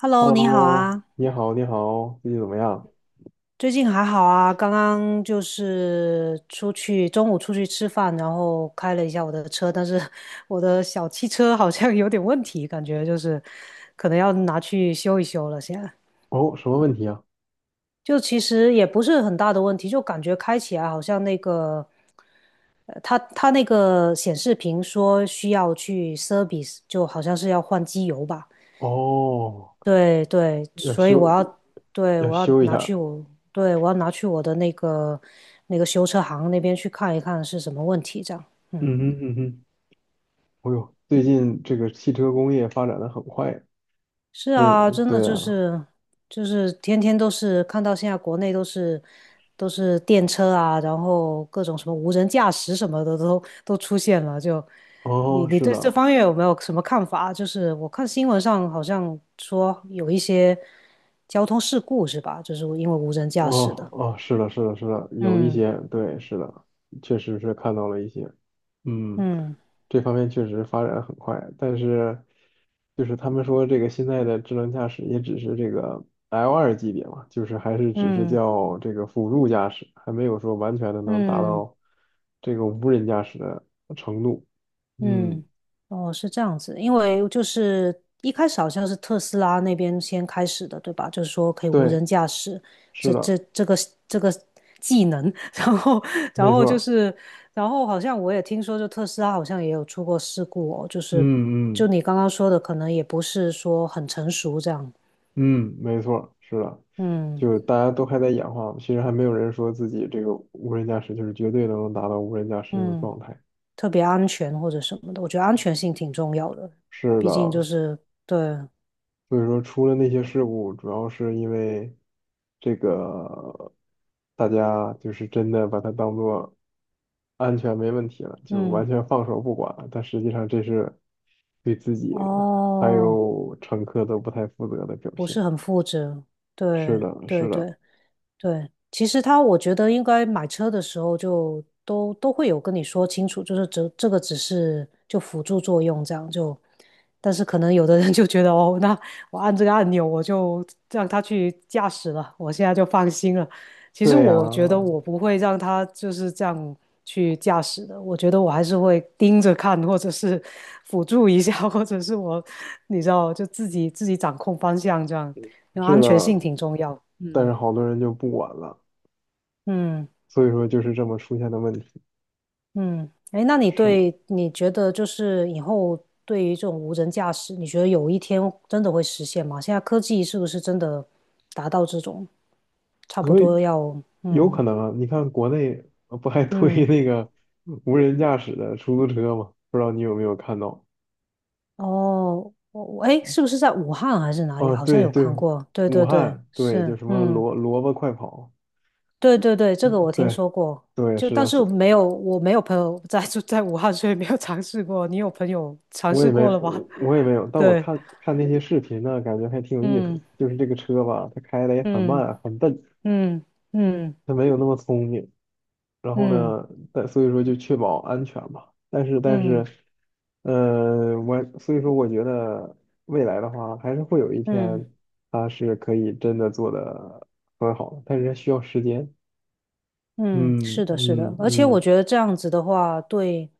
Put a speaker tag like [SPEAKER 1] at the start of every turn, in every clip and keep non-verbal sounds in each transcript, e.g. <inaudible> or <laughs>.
[SPEAKER 1] Hello，你好
[SPEAKER 2] Hello，
[SPEAKER 1] 啊，
[SPEAKER 2] 你好，你好，最近怎么样？
[SPEAKER 1] 最近还好啊？刚刚就是出去，中午出去吃饭，然后开了一下我的车，但是 <laughs> 我的小汽车好像有点问题，感觉就是可能要拿去修一修了。现在
[SPEAKER 2] 哦，什么问题啊？
[SPEAKER 1] 就其实也不是很大的问题，就感觉开起来好像那个，它那个显示屏说需要去 service，就好像是要换机油吧。
[SPEAKER 2] 哦，
[SPEAKER 1] 对对，
[SPEAKER 2] 要
[SPEAKER 1] 所以我
[SPEAKER 2] 修，
[SPEAKER 1] 要，对，
[SPEAKER 2] 要
[SPEAKER 1] 我要
[SPEAKER 2] 修一
[SPEAKER 1] 拿去
[SPEAKER 2] 下。
[SPEAKER 1] 我，对，我要拿去我的那个那个修车行那边去看一看是什么问题，这样。嗯，
[SPEAKER 2] 嗯哼嗯哼，哦呦，最近这个汽车工业发展的很快，
[SPEAKER 1] 是
[SPEAKER 2] 不是？
[SPEAKER 1] 啊，真的
[SPEAKER 2] 对
[SPEAKER 1] 就
[SPEAKER 2] 啊，
[SPEAKER 1] 是就是天天都是看到现在国内都是都是电车啊，然后各种什么无人驾驶什么的都出现了。就你
[SPEAKER 2] 哦，
[SPEAKER 1] 你
[SPEAKER 2] 是
[SPEAKER 1] 对这
[SPEAKER 2] 的，
[SPEAKER 1] 方面有没有什么看法？就是我看新闻上好像说有一些交通事故是吧？就是因为无人驾驶
[SPEAKER 2] 哦
[SPEAKER 1] 的。
[SPEAKER 2] 哦，是的，是的，是的，有一
[SPEAKER 1] 嗯。
[SPEAKER 2] 些，对，是的，确实是看到了一些，嗯，
[SPEAKER 1] 嗯
[SPEAKER 2] 这方面确实发展很快，但是就是他们说这个现在的智能驾驶也只是这个 l 二级别嘛，就是还是只是
[SPEAKER 1] 嗯
[SPEAKER 2] 叫这个辅助驾驶，还没有说完全的能达
[SPEAKER 1] 嗯
[SPEAKER 2] 到这个无人驾驶的程度。嗯，
[SPEAKER 1] 嗯，哦，是这样子，因为就是一开始好像是特斯拉那边先开始的，对吧？就是说可以无
[SPEAKER 2] 对，
[SPEAKER 1] 人驾驶，
[SPEAKER 2] 是
[SPEAKER 1] 这
[SPEAKER 2] 的，
[SPEAKER 1] 这这个这个技能，<laughs> 然后然
[SPEAKER 2] 没
[SPEAKER 1] 后
[SPEAKER 2] 错
[SPEAKER 1] 就
[SPEAKER 2] 儿，
[SPEAKER 1] 是，然后好像我也听说，就特斯拉好像也有出过事故哦，就是
[SPEAKER 2] 嗯
[SPEAKER 1] 就
[SPEAKER 2] 嗯。
[SPEAKER 1] 你刚刚说的，可能也不是说很成熟这样，
[SPEAKER 2] 嗯，没错是的，
[SPEAKER 1] 嗯
[SPEAKER 2] 就大家都还在演化，其实还没有人说自己这个无人驾驶就是绝对能达到无人驾驶这种
[SPEAKER 1] 嗯，
[SPEAKER 2] 状态。
[SPEAKER 1] 特别安全或者什么的，我觉得安全性挺重要的，
[SPEAKER 2] 是
[SPEAKER 1] 毕
[SPEAKER 2] 的，
[SPEAKER 1] 竟就是对，
[SPEAKER 2] 所以说出了那些事故，主要是因为这个大家就是真的把它当做安全没问题了，就完
[SPEAKER 1] 嗯。
[SPEAKER 2] 全放手不管，但实际上这是对自己还
[SPEAKER 1] 哦，
[SPEAKER 2] 有乘客都不太负责的表
[SPEAKER 1] 不
[SPEAKER 2] 现。
[SPEAKER 1] 是很负责，
[SPEAKER 2] 是
[SPEAKER 1] 对
[SPEAKER 2] 的，
[SPEAKER 1] 对
[SPEAKER 2] 是的。
[SPEAKER 1] 对，对，其实他我觉得应该买车的时候就都会有跟你说清楚，就是这个只是就辅助作用这样就，但是可能有的人就觉得哦，那我按这个按钮我就让他去驾驶了，我现在就放心了。其实
[SPEAKER 2] 对呀，
[SPEAKER 1] 我觉得我不会让他就是这样去驾驶的，我觉得我还是会盯着看，或者是 <laughs> 辅助一下，或者是我你知道就自己掌控方向这样，因为
[SPEAKER 2] 是
[SPEAKER 1] 安
[SPEAKER 2] 的，
[SPEAKER 1] 全性挺重要。
[SPEAKER 2] 但是
[SPEAKER 1] 嗯
[SPEAKER 2] 好多人就不管了，
[SPEAKER 1] 嗯。
[SPEAKER 2] 所以说就是这么出现的问题。
[SPEAKER 1] 嗯，哎，那你
[SPEAKER 2] 是的，
[SPEAKER 1] 对你觉得就是以后对于这种无人驾驶，你觉得有一天真的会实现吗？现在科技是不是真的达到这种差不
[SPEAKER 2] 所
[SPEAKER 1] 多
[SPEAKER 2] 以
[SPEAKER 1] 要
[SPEAKER 2] 有
[SPEAKER 1] 嗯
[SPEAKER 2] 可能啊，你看国内不还推 <laughs>
[SPEAKER 1] 嗯
[SPEAKER 2] 那个无人驾驶的出租车吗？不知道你有没有看到？
[SPEAKER 1] 哦，我我哎，是不是在武汉还是哪里？
[SPEAKER 2] 啊，
[SPEAKER 1] 好像
[SPEAKER 2] 对
[SPEAKER 1] 有
[SPEAKER 2] 对，
[SPEAKER 1] 看过，对
[SPEAKER 2] 武
[SPEAKER 1] 对对，
[SPEAKER 2] 汉对，就
[SPEAKER 1] 是
[SPEAKER 2] 什么
[SPEAKER 1] 嗯
[SPEAKER 2] 萝萝卜快跑，
[SPEAKER 1] 对对对，这个我听
[SPEAKER 2] 对
[SPEAKER 1] 说过，
[SPEAKER 2] 对，
[SPEAKER 1] 就
[SPEAKER 2] 是
[SPEAKER 1] 但
[SPEAKER 2] 的，
[SPEAKER 1] 是
[SPEAKER 2] 所以
[SPEAKER 1] 没有我没有朋友在住在武汉，所以没有尝试过。你有朋友尝
[SPEAKER 2] 我也
[SPEAKER 1] 试
[SPEAKER 2] 没
[SPEAKER 1] 过了吗？
[SPEAKER 2] 我我也没有，
[SPEAKER 1] <laughs>
[SPEAKER 2] 但我
[SPEAKER 1] 对，
[SPEAKER 2] 看看那些视频呢，感觉还挺有意思的
[SPEAKER 1] 嗯
[SPEAKER 2] 就是这个车吧，它开的也很
[SPEAKER 1] 嗯
[SPEAKER 2] 慢很笨，
[SPEAKER 1] 嗯嗯。
[SPEAKER 2] 它没有那么聪明。然后
[SPEAKER 1] 嗯
[SPEAKER 2] 呢，但所以说就确保安全吧。但是但是，
[SPEAKER 1] 嗯
[SPEAKER 2] 我所以说我觉得未来的话，还是会有一
[SPEAKER 1] 嗯
[SPEAKER 2] 天它是可以真的做的很好的，但是需要时间。
[SPEAKER 1] 嗯，
[SPEAKER 2] 嗯
[SPEAKER 1] 是的，是的，
[SPEAKER 2] 嗯
[SPEAKER 1] 而且我
[SPEAKER 2] 嗯
[SPEAKER 1] 觉得这样子的话，对。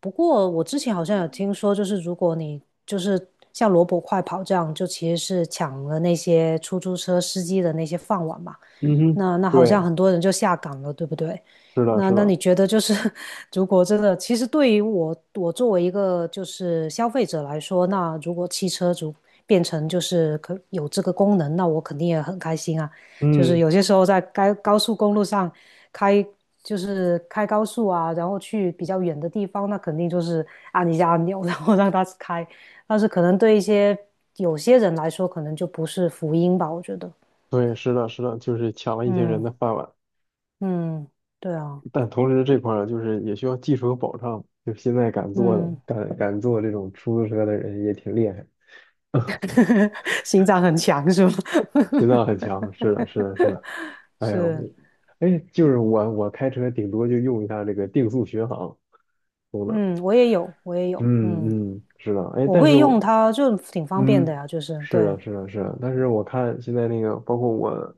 [SPEAKER 1] 不过我之前好像有听说，就是如果你就是像萝卜快跑这样，就其实是抢了那些出租车司机的那些饭碗嘛。
[SPEAKER 2] 嗯哼，
[SPEAKER 1] 那那好像
[SPEAKER 2] 对，
[SPEAKER 1] 很多人就下岗了，对不对？
[SPEAKER 2] 是的，
[SPEAKER 1] 那
[SPEAKER 2] 是
[SPEAKER 1] 那
[SPEAKER 2] 的，
[SPEAKER 1] 你觉得就是，<laughs> 如果真的，其实对于我作为一个就是消费者来说，那如果汽车主变成就是可有这个功能，那我肯定也很开心啊。就是
[SPEAKER 2] 嗯，
[SPEAKER 1] 有些时候在该高速公路上开，就是开高速啊，然后去比较远的地方，那肯定就是按一下按钮，<laughs> 然后让它开。但是可能对一些有些人来说，可能就不是福音吧，我觉得。
[SPEAKER 2] 对，是的，是的，就是抢了一些人
[SPEAKER 1] 嗯。
[SPEAKER 2] 的饭碗，
[SPEAKER 1] 嗯，对啊，
[SPEAKER 2] 但同时这块儿就是也需要技术和保障，就现在敢做的，
[SPEAKER 1] 嗯，
[SPEAKER 2] 敢做这种出租车的人也挺厉害。
[SPEAKER 1] <laughs> 心脏很强是吗？
[SPEAKER 2] 心脏很强，是的，是的，是的。
[SPEAKER 1] <laughs>
[SPEAKER 2] 哎呦，
[SPEAKER 1] 是，
[SPEAKER 2] 哎，就是我，我开车顶多就用一下这个定速巡航。
[SPEAKER 1] 嗯，我也有，我也有，嗯，
[SPEAKER 2] 嗯嗯，是的，哎，
[SPEAKER 1] 我
[SPEAKER 2] 但是
[SPEAKER 1] 会用
[SPEAKER 2] 我
[SPEAKER 1] 它，就挺方便的
[SPEAKER 2] 嗯，
[SPEAKER 1] 呀，就是
[SPEAKER 2] 是
[SPEAKER 1] 对，
[SPEAKER 2] 的，是的，是的。但是我看现在那个，包括我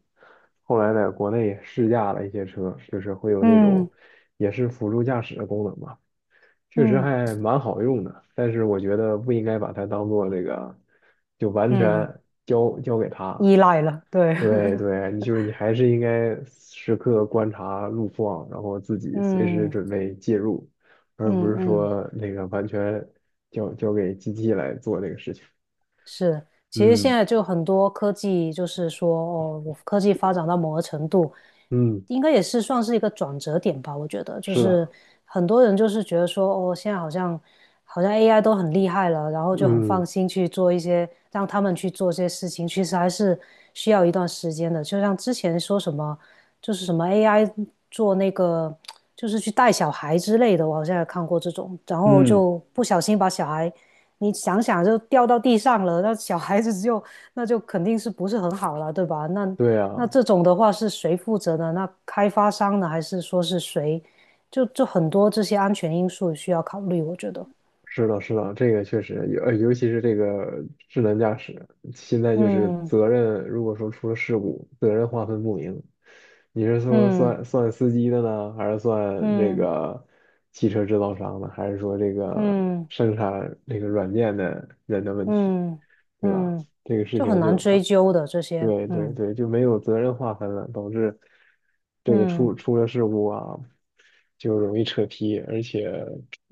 [SPEAKER 2] 后来在国内试驾了一些车，就是会有那
[SPEAKER 1] 嗯
[SPEAKER 2] 种也是辅助驾驶的功能吧，确实
[SPEAKER 1] 嗯
[SPEAKER 2] 还蛮好用的。但是我觉得不应该把它当做这个，就完
[SPEAKER 1] 嗯，
[SPEAKER 2] 全交给它，
[SPEAKER 1] 依赖了，对，
[SPEAKER 2] 对对，你就是你还是应该时刻观察路况，然后自
[SPEAKER 1] <laughs>
[SPEAKER 2] 己随时
[SPEAKER 1] 嗯
[SPEAKER 2] 准备介入，而不
[SPEAKER 1] 嗯
[SPEAKER 2] 是
[SPEAKER 1] 嗯，
[SPEAKER 2] 说那个完全交给机器来做这个事情。
[SPEAKER 1] 是，其实现
[SPEAKER 2] 嗯
[SPEAKER 1] 在就很多科技，就是说，哦，我科技发展到某个程度，
[SPEAKER 2] 嗯，
[SPEAKER 1] 应该也是算是一个转折点吧。我觉得，就
[SPEAKER 2] 是
[SPEAKER 1] 是
[SPEAKER 2] 的，
[SPEAKER 1] 很多人就是觉得说，哦，现在好像好像 AI 都很厉害了，然后就很
[SPEAKER 2] 嗯
[SPEAKER 1] 放心去做一些，让他们去做这些事情，其实还是需要一段时间的。就像之前说什么，就是什么 AI 做那个，就是去带小孩之类的，我好像也看过这种，然后
[SPEAKER 2] 嗯，
[SPEAKER 1] 就不小心把小孩。你想想就掉到地上了，那小孩子就那就肯定是不是很好了，对吧？那
[SPEAKER 2] 对
[SPEAKER 1] 那
[SPEAKER 2] 啊，
[SPEAKER 1] 这种的话是谁负责呢？那开发商呢？还是说是谁？就很多这些安全因素需要考虑，我觉得。
[SPEAKER 2] 是的，是的，这个确实，尤其是这个智能驾驶，现在就是
[SPEAKER 1] 嗯
[SPEAKER 2] 责任，如果说出了事故，责任划分不明，你是说
[SPEAKER 1] 嗯
[SPEAKER 2] 算司机的呢，还是算这
[SPEAKER 1] 嗯
[SPEAKER 2] 个汽车制造商的，还是说这个
[SPEAKER 1] 嗯
[SPEAKER 2] 生产这个软件的人的问题，
[SPEAKER 1] 嗯
[SPEAKER 2] 对吧？
[SPEAKER 1] 嗯，嗯
[SPEAKER 2] 这个事
[SPEAKER 1] 就很
[SPEAKER 2] 情
[SPEAKER 1] 难
[SPEAKER 2] 就很
[SPEAKER 1] 追究的这些。
[SPEAKER 2] 对对
[SPEAKER 1] 嗯
[SPEAKER 2] 对，就没有责任划分了，导致这个
[SPEAKER 1] 嗯
[SPEAKER 2] 出了事故啊，就容易扯皮，而且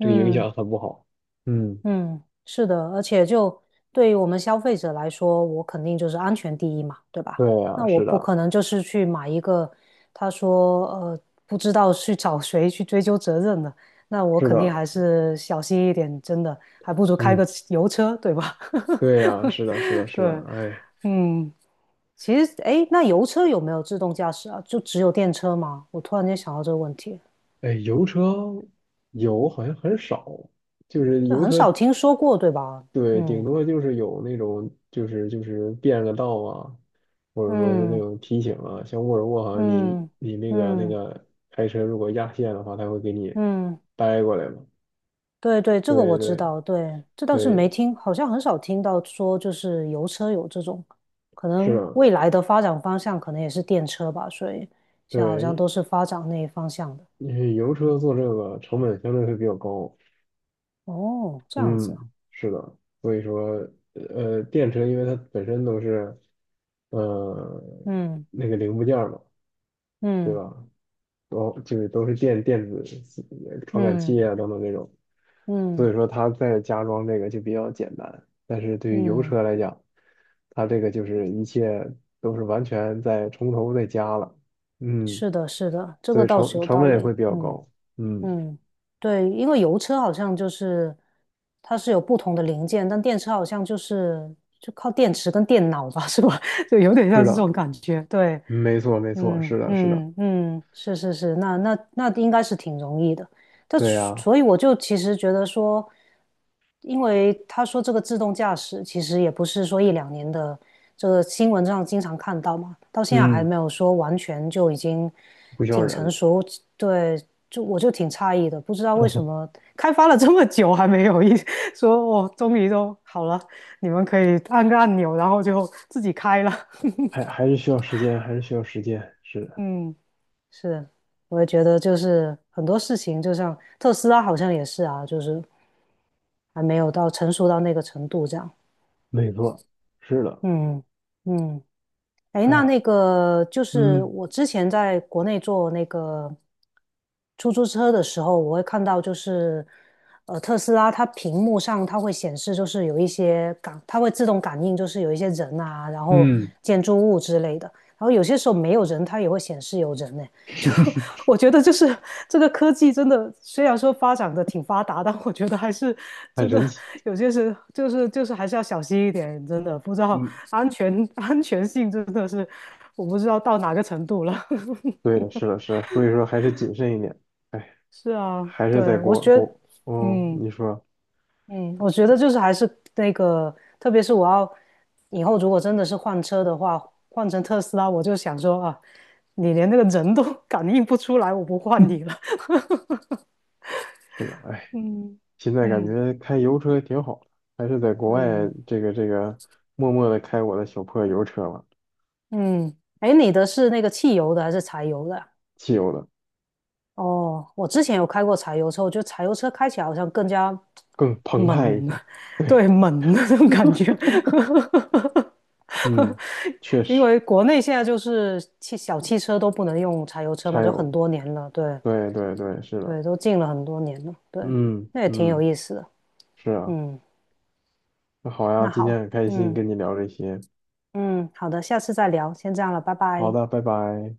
[SPEAKER 2] 这个影响很不好。嗯，
[SPEAKER 1] 嗯，是的，而且就对于我们消费者来说，我肯定就是安全第一嘛，对吧？
[SPEAKER 2] 对呀，
[SPEAKER 1] 那我
[SPEAKER 2] 是
[SPEAKER 1] 不可
[SPEAKER 2] 的，
[SPEAKER 1] 能就是去买一个，他说不知道去找谁去追究责任的，那我
[SPEAKER 2] 是
[SPEAKER 1] 肯定
[SPEAKER 2] 的，
[SPEAKER 1] 还是小心一点，真的，还不如开个
[SPEAKER 2] 嗯，
[SPEAKER 1] 油车，对吧？
[SPEAKER 2] 对呀，是的，是的，
[SPEAKER 1] <laughs>
[SPEAKER 2] 是的，
[SPEAKER 1] 对，
[SPEAKER 2] 哎
[SPEAKER 1] 嗯，其实诶，那油车有没有自动驾驶啊？就只有电车吗？我突然间想到这个问题，
[SPEAKER 2] 哎，油车油好像很少，就是
[SPEAKER 1] 对，
[SPEAKER 2] 油
[SPEAKER 1] 很少
[SPEAKER 2] 车
[SPEAKER 1] 听说过，对吧？
[SPEAKER 2] 对，顶
[SPEAKER 1] 嗯
[SPEAKER 2] 多就是有那种，就是就是变个道啊，或者说是那
[SPEAKER 1] 嗯
[SPEAKER 2] 种提醒啊，像沃尔沃好像你
[SPEAKER 1] 嗯
[SPEAKER 2] 你那个那
[SPEAKER 1] 嗯
[SPEAKER 2] 个开车如果压线的话，它会给你
[SPEAKER 1] 嗯。嗯
[SPEAKER 2] 掰过来嘛。
[SPEAKER 1] 对对，这个我
[SPEAKER 2] 对
[SPEAKER 1] 知
[SPEAKER 2] 对
[SPEAKER 1] 道，对，这倒是没
[SPEAKER 2] 对，
[SPEAKER 1] 听，好像很少听到说就是油车有这种，可
[SPEAKER 2] 是
[SPEAKER 1] 能
[SPEAKER 2] 的，
[SPEAKER 1] 未来的发展方向可能也是电车吧，所以现在好像
[SPEAKER 2] 对，
[SPEAKER 1] 都是发展那一方向的。
[SPEAKER 2] 因为油车做这个成本相对会比较高。
[SPEAKER 1] 哦，这样子啊
[SPEAKER 2] 嗯，是的，所以说电车因为它本身都是呃
[SPEAKER 1] 嗯
[SPEAKER 2] 那个零部件儿嘛，对
[SPEAKER 1] 嗯
[SPEAKER 2] 吧？都就是都是电电子传感
[SPEAKER 1] 嗯
[SPEAKER 2] 器啊等等这种，所
[SPEAKER 1] 嗯
[SPEAKER 2] 以说它在加装这个就比较简单。但是对于油
[SPEAKER 1] 嗯，
[SPEAKER 2] 车来讲，它这个就是一切都是完全在从头再加了，嗯，
[SPEAKER 1] 是的，是的，这
[SPEAKER 2] 所
[SPEAKER 1] 个
[SPEAKER 2] 以
[SPEAKER 1] 倒是
[SPEAKER 2] 成
[SPEAKER 1] 有
[SPEAKER 2] 成
[SPEAKER 1] 道
[SPEAKER 2] 本也
[SPEAKER 1] 理，
[SPEAKER 2] 会比较
[SPEAKER 1] 嗯。
[SPEAKER 2] 高，嗯，
[SPEAKER 1] 嗯，对，因为油车好像就是它是有不同的零件，但电车好像就是就靠电池跟电脑吧，是吧？<laughs> 就有点像
[SPEAKER 2] 是
[SPEAKER 1] 这
[SPEAKER 2] 的，
[SPEAKER 1] 种感觉。对，
[SPEAKER 2] 没错没错，
[SPEAKER 1] 嗯
[SPEAKER 2] 是的是的，
[SPEAKER 1] 嗯嗯，是是是，那那应该是挺容易的。但
[SPEAKER 2] 对呀，
[SPEAKER 1] 所以我就其实觉得说，因为他说这个自动驾驶其实也不是说一两年的，这个新闻上经常看到嘛，到现在还
[SPEAKER 2] 嗯，
[SPEAKER 1] 没有说完全就已经
[SPEAKER 2] 不需要
[SPEAKER 1] 挺
[SPEAKER 2] 人
[SPEAKER 1] 成
[SPEAKER 2] 了，
[SPEAKER 1] 熟。对，就我就挺诧异的，不知道为什么开发了这么久还没有一 <laughs> 说哦，终于都好了，你们可以按个按钮，然后就自己开了。<laughs>
[SPEAKER 2] 还还是需要时间，还是需要时间，是的，
[SPEAKER 1] 嗯是，我也觉得就是很多事情，就像特斯拉好像也是啊，就是还没有到成熟到那个程度这样。
[SPEAKER 2] 没错，是的，
[SPEAKER 1] 嗯嗯，哎，那
[SPEAKER 2] 哎，
[SPEAKER 1] 那个就是
[SPEAKER 2] 嗯
[SPEAKER 1] 我之前在国内坐那个出租车的时候，我会看到就是特斯拉它屏幕上它会显示就是有一些感，它会自动感应就是有一些人啊，然后
[SPEAKER 2] 嗯，
[SPEAKER 1] 建筑物之类的，然后有些时候没有人，它也会显示有人
[SPEAKER 2] <laughs>
[SPEAKER 1] 我觉得就是这个科技真的，虽然说发展的挺发达，但我觉得还是
[SPEAKER 2] 很
[SPEAKER 1] 真的
[SPEAKER 2] 神奇。
[SPEAKER 1] 有些事就是还是要小心一点，真的不知道
[SPEAKER 2] 嗯。
[SPEAKER 1] 安全 <laughs> 安全性真的是我不知道到哪个程度了。
[SPEAKER 2] 对的，是的，是的，所以说还是谨慎一点。哎，
[SPEAKER 1] <laughs> 是啊，
[SPEAKER 2] 还是在
[SPEAKER 1] 对，我
[SPEAKER 2] 国
[SPEAKER 1] 觉得，
[SPEAKER 2] 国，嗯，
[SPEAKER 1] 嗯
[SPEAKER 2] 你说
[SPEAKER 1] 嗯，我觉得就是还是那个，特别是我要以后如果真的是换车的话，换成特斯拉，我就想说啊，你连那个人都 <laughs> 感应不出来，我不换你了。<laughs>
[SPEAKER 2] 是的，哎，
[SPEAKER 1] 嗯
[SPEAKER 2] 现在感
[SPEAKER 1] 嗯
[SPEAKER 2] 觉开油车挺好的，还是在国外
[SPEAKER 1] 嗯。
[SPEAKER 2] 这个这个默默的开我的小破油车吧，
[SPEAKER 1] 嗯，哎，你的是那个汽油的还是柴油的啊
[SPEAKER 2] 汽油的
[SPEAKER 1] 哦，我之前有开过柴油车，我觉得柴油车开起来好像更加
[SPEAKER 2] 更澎湃一
[SPEAKER 1] 猛，
[SPEAKER 2] 些。
[SPEAKER 1] <laughs>
[SPEAKER 2] 对，
[SPEAKER 1] 对，猛的那种感觉。
[SPEAKER 2] 嗯，
[SPEAKER 1] <laughs>
[SPEAKER 2] 确
[SPEAKER 1] 因
[SPEAKER 2] 实，
[SPEAKER 1] 为国内现在就是汽小汽车都不能用柴油车嘛，
[SPEAKER 2] 柴
[SPEAKER 1] 就很
[SPEAKER 2] 油，
[SPEAKER 1] 多年了，对
[SPEAKER 2] 对对对，是的，
[SPEAKER 1] 对，都禁了很多年了，对，
[SPEAKER 2] 嗯
[SPEAKER 1] 那也挺有
[SPEAKER 2] 嗯，
[SPEAKER 1] 意思的。
[SPEAKER 2] 是啊，
[SPEAKER 1] 嗯，
[SPEAKER 2] 那好呀，
[SPEAKER 1] 那
[SPEAKER 2] 今天
[SPEAKER 1] 好，
[SPEAKER 2] 很开心
[SPEAKER 1] 嗯
[SPEAKER 2] 跟你聊这些，
[SPEAKER 1] 嗯，好的，下次再聊，先这样了，拜
[SPEAKER 2] 好
[SPEAKER 1] 拜。
[SPEAKER 2] 的，拜拜。